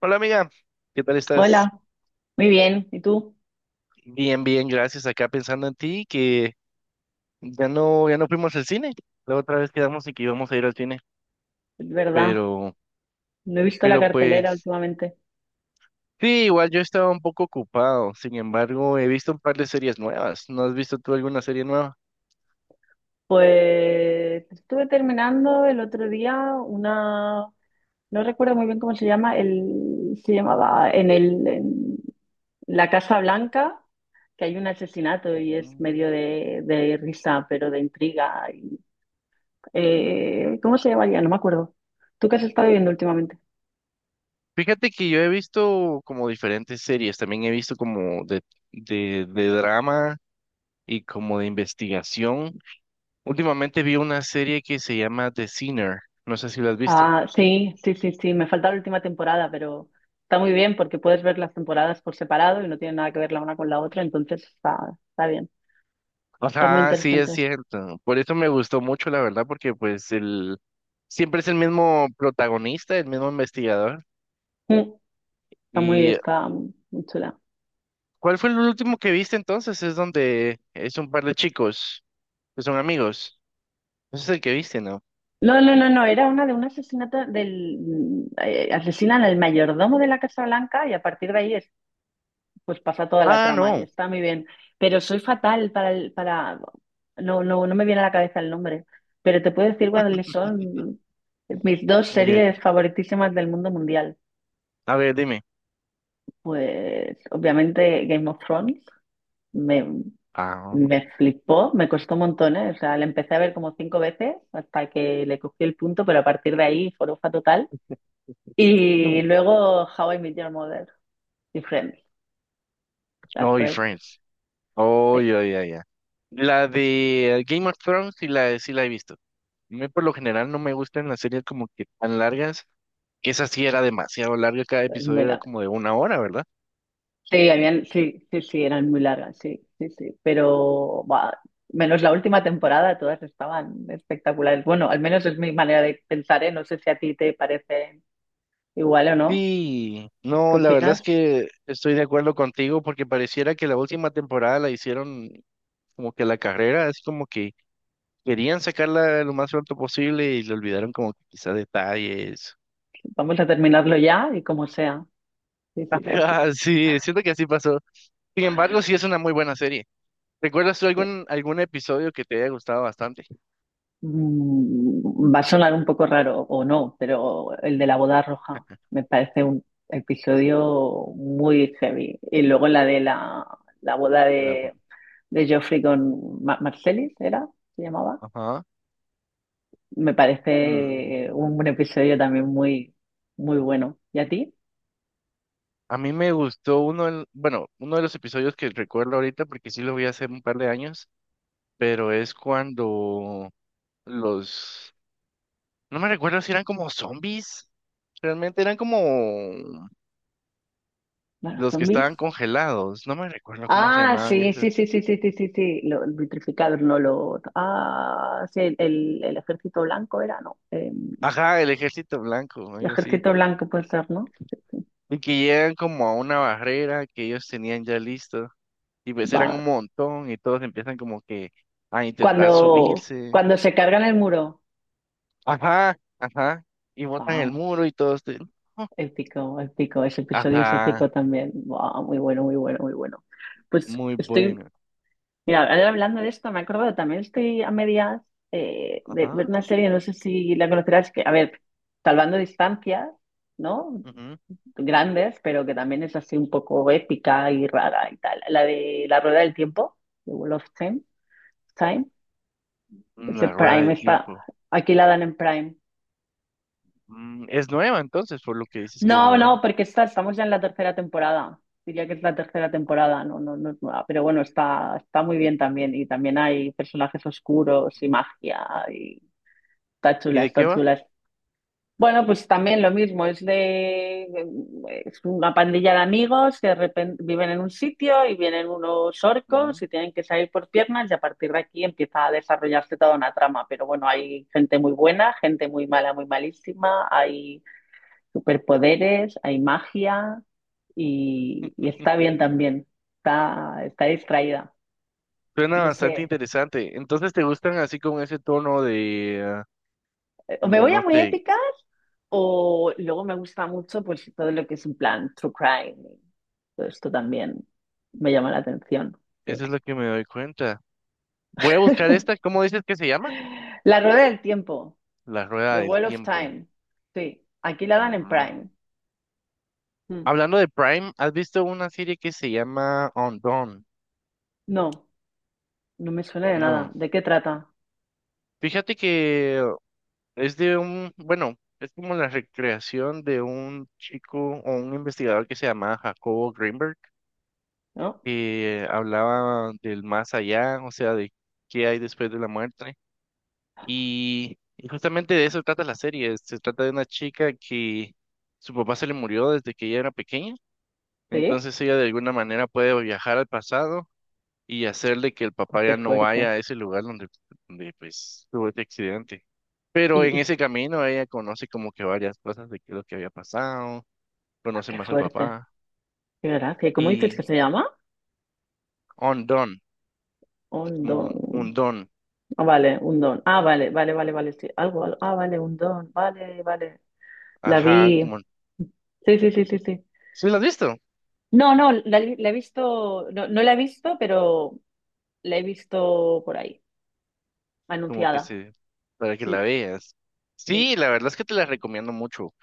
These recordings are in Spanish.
Hola amiga, ¿qué tal estás? Hola, muy bien. ¿Y tú? Bien, bien, gracias. Acá pensando en ti, que ya no, ya no fuimos al cine. La otra vez quedamos y que íbamos a ir al cine, Es ¿Verdad? pero, No he visto la pero cartelera pues, últimamente. sí, igual yo estaba un poco ocupado. Sin embargo, he visto un par de series nuevas. ¿No has visto tú alguna serie nueva? Pues estuve terminando el otro día una, no recuerdo muy bien cómo se llama, se llamaba en la Casa Blanca, que hay un asesinato y es medio Mm. de risa, pero de intriga. ¿Cómo se llama ya? No me acuerdo. ¿Tú qué has estado viendo últimamente? Fíjate que yo he visto como diferentes series. También he visto como de drama y como de investigación. Últimamente vi una serie que se llama The Sinner. No sé si la has visto. Ah, sí, sí, sí, sí, me falta la última temporada, pero está muy bien porque puedes ver las temporadas por separado y no tienen nada que ver la una con la otra, entonces está bien, está muy Ajá, sí, es interesante. cierto. Por eso me gustó mucho, la verdad, porque pues el siempre es el mismo protagonista, el mismo investigador. Mm. Está muy, ¿Y está muy chula. cuál fue el último que viste entonces? Es donde es un par de chicos que son amigos. Ese es el que viste, ¿no? No, no, no, no, era una de un asesinato asesinan al mayordomo de la Casa Blanca y a partir de ahí es pues pasa toda la Ah, trama y no. está muy bien. Pero soy fatal para el, para no, no, no me viene a la cabeza el nombre, pero te puedo decir cuáles son mis dos Ya. series favoritísimas del mundo mundial. A ver, dime. Pues obviamente Game of Thrones me, Ah, me flipó, me costó un montón, ¿eh? O sea, la empecé a ver como cinco veces hasta que le cogí el punto, pero a partir de ahí forofa total. Y no, luego How I Met Your Mother y Friends, las no, y tres. Friends. Oh, Sí, ya, ya, ya. La de Game of Thrones sí la he visto. A mí por lo general no me gustan las series como que tan largas, que esa sí era demasiado larga, cada muy episodio era largas. como de una hora, ¿verdad? Sí, habían, sí, sí, sí, eran muy largas, sí, sí, sí. Pero buah, menos la última temporada, todas estaban espectaculares. Bueno, al menos es mi manera de pensar, ¿eh? No sé si a ti te parece igual o no. Sí, ¿Qué no, la verdad opinas? es que estoy de acuerdo contigo, porque pareciera que la última temporada la hicieron como que la carrera, es como que querían sacarla lo más pronto posible y le olvidaron como que quizá detalles. Vamos a terminarlo ya y como sea. Sí, sí, sí, sí, Ah, sí, siento que así pasó. Sin embargo, sí es una muy buena serie. ¿Recuerdas tú sí. algún episodio que te haya gustado bastante? Mm, va a sonar un poco raro o no, pero el de la boda roja me parece un episodio muy heavy. Y luego la de la boda La- de Joffrey con Marcellus, ¿era? ¿Se llamaba? Ajá. Me parece Mm. un episodio también muy, muy bueno. ¿Y a ti? A mí me gustó uno, bueno, uno de los episodios que recuerdo ahorita, porque sí lo vi hace un par de años, pero es cuando los, no me recuerdo si eran como zombies, realmente eran como ¿Más los que zombies? estaban congelados. No me recuerdo cómo se Ah, llamaban sí, esos. sí, sí, sí, sí, sí, sí, sí. El vitrificador, no lo. Ah, sí, el ejército blanco era, ¿no? Ajá, el Ejército Blanco, El algo así. ejército blanco Y puede ser, ¿no? Sí, sí. y que llegan como a una barrera que ellos tenían ya listo, y pues eran Va. un montón y todos empiezan como que a intentar Cuando, subirse. cuando se cargan el muro. Ajá, ajá, y botan el Wow, muro y todo. épico, épico. Ese episodio es Ajá, épico también. Wow, muy bueno, muy bueno, muy bueno. Pues muy estoy buena. Mira, ahora hablando de esto, me he acordado, también estoy a medias de ver Ajá. una serie, no sé si la conocerás, que, a ver, salvando distancias, ¿no? Ujú. Grandes, pero que también es así un poco épica y rara y tal. La de La Rueda del Tiempo, The Wheel of Time, Mm. es de La rueda de Prime, tiempo. aquí la dan en Prime. Es nueva entonces, por lo que dices que No, la no, dan. porque estamos ya en la tercera temporada. Diría que es la tercera temporada, no, no, no es nueva, pero bueno, está muy bien también. Y también hay personajes oscuros y magia. Está ¿Y chula, de qué está va? chula. Bueno, pues también lo mismo, es una pandilla de amigos que de repente viven en un sitio y vienen unos Mm. orcos y tienen que salir por piernas y a partir de aquí empieza a desarrollarse toda una trama. Pero bueno, hay gente muy buena, gente muy mala, muy malísima, hay superpoderes, hay magia y está bien también, está distraída. Suena No sé, bastante interesante. Entonces te gustan así con ese tono de, me como voy a no muy sé, épica. O luego me gusta mucho pues todo lo que es en plan true crime. Todo esto también me llama la atención. Sí. eso es lo que me doy cuenta. Voy a buscar esta, ¿cómo dices que se llama? La rueda del tiempo, La rueda The del Wheel of tiempo. Time. Sí, aquí la dan en Mm. Prime. Mm. Hablando de Prime, ¿has visto una serie que se llama On Dawn? No, no me suena de nada. No. ¿De qué trata? Fíjate que es de un, bueno, es como la recreación de un chico o un investigador que se llamaba Jacobo Greenberg, ¿No? que hablaba del más allá, o sea, de qué hay después de la muerte. Y justamente de eso trata la serie. Se trata de una chica que su papá se le murió desde que ella era pequeña. Sí. Entonces ella de alguna manera puede viajar al pasado y hacerle que el Uy, papá qué ya no vaya fuerte. a ese lugar donde, pues tuvo este accidente. Pero Y, en y- ese camino ella conoce como que varias cosas de qué es lo que había pasado, ah, conoce qué más al fuerte. papá Qué gracia. ¿Cómo dices que y se llama? undone, Un como don. un don, Ah, vale, un don. Ah, vale, vale, vale, vale, sí. Algo, algo. Ah, vale, un don. Vale, vale. La ajá, vi. como, Sí, sí, sí, sí, sí. ¿sí lo has visto? No, no, la he visto, no, no la he visto, pero la he visto por ahí, Como que anunciada. se, para que la Sí, veas. sí, Sí, la verdad es que te la recomiendo mucho.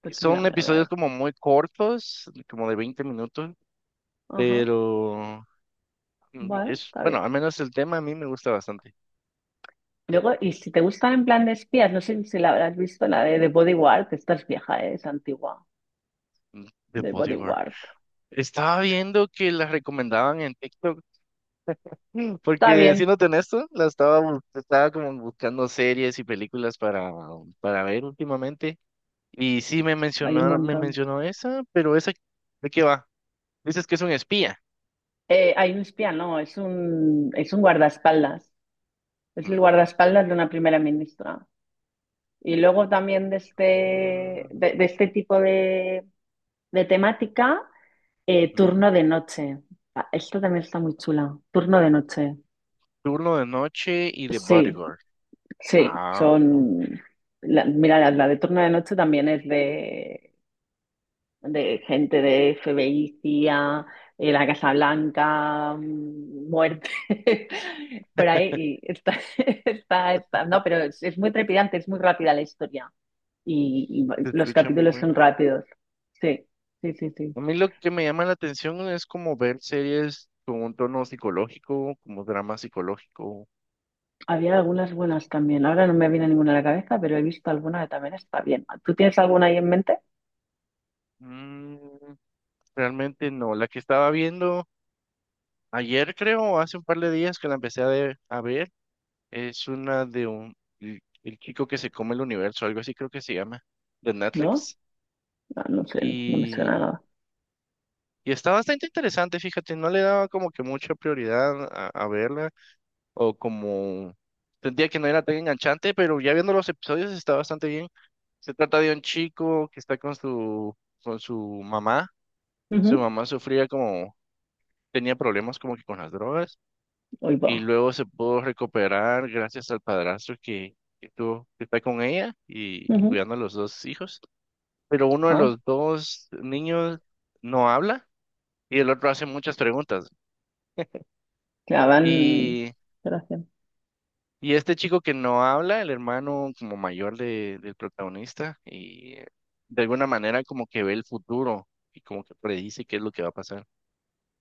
pues mira, Son me la voy a episodios ver. como muy cortos, como de 20 minutos, Ajá, pero bueno, es, está bueno, bien. al menos el tema a mí me gusta bastante. Luego, y si te gustan en plan de espías, no sé si la habrás visto, la de The Bodyguard, que esta es vieja, ¿eh? Es antigua, Mm. De de bodyguard. Bodyguard. Estaba viendo que las recomendaban en TikTok, Está porque bien, siéndote honesto, la estaba, estaba como buscando series y películas para ver últimamente. Y sí me hay un mencionaron, me montón. mencionó esa, pero esa, ¿de qué va? Dices que es un espía. Hay un espía, no, es un, guardaespaldas. Es el Mm, guardaespaldas de una primera ministra. Y luego también de este, mm, de de este tipo de temática. Ujú. Turno de noche. Ah, esta también está muy chula. Turno de noche. Turno de noche y de Sí, bodyguard. sí, Ah, oh, mira, la de turno de noche también es de gente de FBI, CIA, la Casa Blanca, muerte, por ahí. No, pero es muy trepidante, es muy rápida la historia. Y se los escucha muy capítulos son buena. rápidos. Sí, sí, sí, sí. A mí lo que me llama la atención es como ver series con un tono psicológico, como drama psicológico. Había algunas buenas también. Ahora no me viene ninguna a la cabeza, pero he visto alguna que también está bien. ¿Tú tienes alguna ahí en mente? Mm, Realmente no. La que estaba viendo ayer, creo, o hace un par de días que la empecé a, a ver, es una de el chico que se come el universo, algo así creo que se llama, de ¿No? Netflix. No, no sé, no me suena Y, nada. y está bastante interesante, fíjate, no le daba como que mucha prioridad a, verla, o como sentía que no era tan enganchante, pero ya viendo los episodios está bastante bien. Se trata de un chico que está con su, mamá. Su Ujú. mamá sufría como, tenía problemas como que con las drogas Hoy y va. luego se pudo recuperar gracias al padrastro que tuvo, que está con ella y Ujú. cuidando a los dos hijos. Pero uno de Ah, los dos niños no habla y el otro hace muchas preguntas. ya van. Y, Gracias. y este chico que no habla, el hermano como mayor del protagonista, y de alguna manera como que ve el futuro y como que predice qué es lo que va a pasar.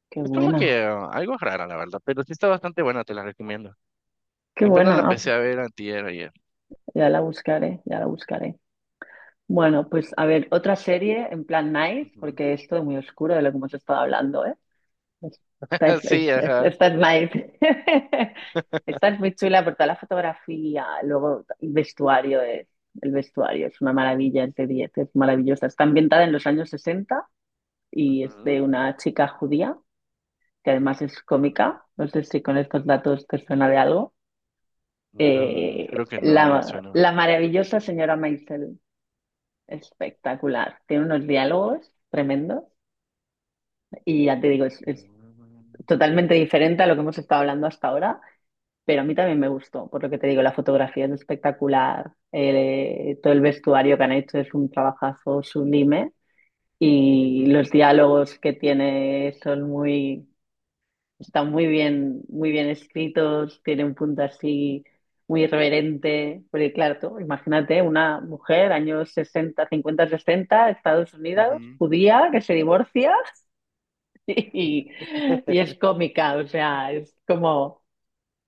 Qué Es como buena. que algo rara, la verdad, pero sí está bastante buena, te la recomiendo. Qué Apenas la buena. Ah, empecé a ver antier ayer. ya la buscaré, ya la buscaré. Bueno, pues a ver, otra serie en plan nice, Ujú. porque es todo muy oscuro de lo que hemos estado hablando, ¿eh? Sí, ajá. Estás nice. Estás muy chula por toda la fotografía. Luego, el vestuario es una maravilla, es de 10, es maravillosa. Está ambientada en los años 60 y es de Ujú, una chica judía que además es ujú. cómica. No sé si con estos datos te suena de algo. No, Eh, creo que no, no me la, suena. la maravillosa señora Maisel, espectacular. Tiene unos diálogos tremendos y ya te digo, es Mm, totalmente diferente a lo que hemos estado hablando hasta ahora. Pero a mí también me gustó, por lo que te digo, la fotografía es espectacular, todo el vestuario que han hecho es un trabajazo sublime y ujú, los diálogos que tiene están muy bien escritos, tiene un punto así muy irreverente, porque claro, tú imagínate una mujer, años 60 50 60 Estados ujú. Unidos, judía, que se divorcia y, y es cómica, o sea, es como...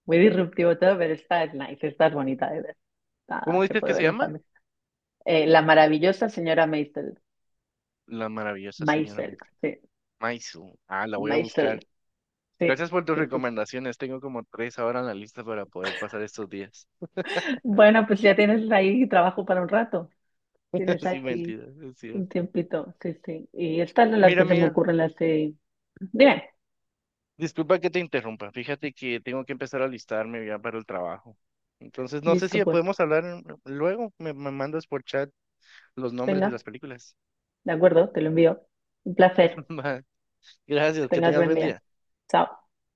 Muy disruptivo todo, pero está nice, está bonita de ver. Nada, ¿Cómo se dices puede que se ver en llama? familia. La maravillosa señora Maisel. La maravillosa señora Maisel, Maisel. sí. Maisel. Ah, la voy a buscar. Maisel, sí. Gracias por tus Sí, sí. recomendaciones. Tengo como tres ahora en la lista para poder pasar estos días. Bueno, pues ya tienes ahí trabajo para un rato. Tienes Sin ahí mentira es un cierto. tiempito, sí, sí. Y estas son las Mira, que se me amiga, ocurren las de... Dime, disculpa que te interrumpa. Fíjate que tengo que empezar a alistarme ya para el trabajo. Entonces, no sé listo si pues. podemos hablar luego. Me mandas por chat los nombres de Venga, las películas. de acuerdo, te lo envío. Un placer. Va. Que Gracias, que tengas tengas buen buen día. día. Chao.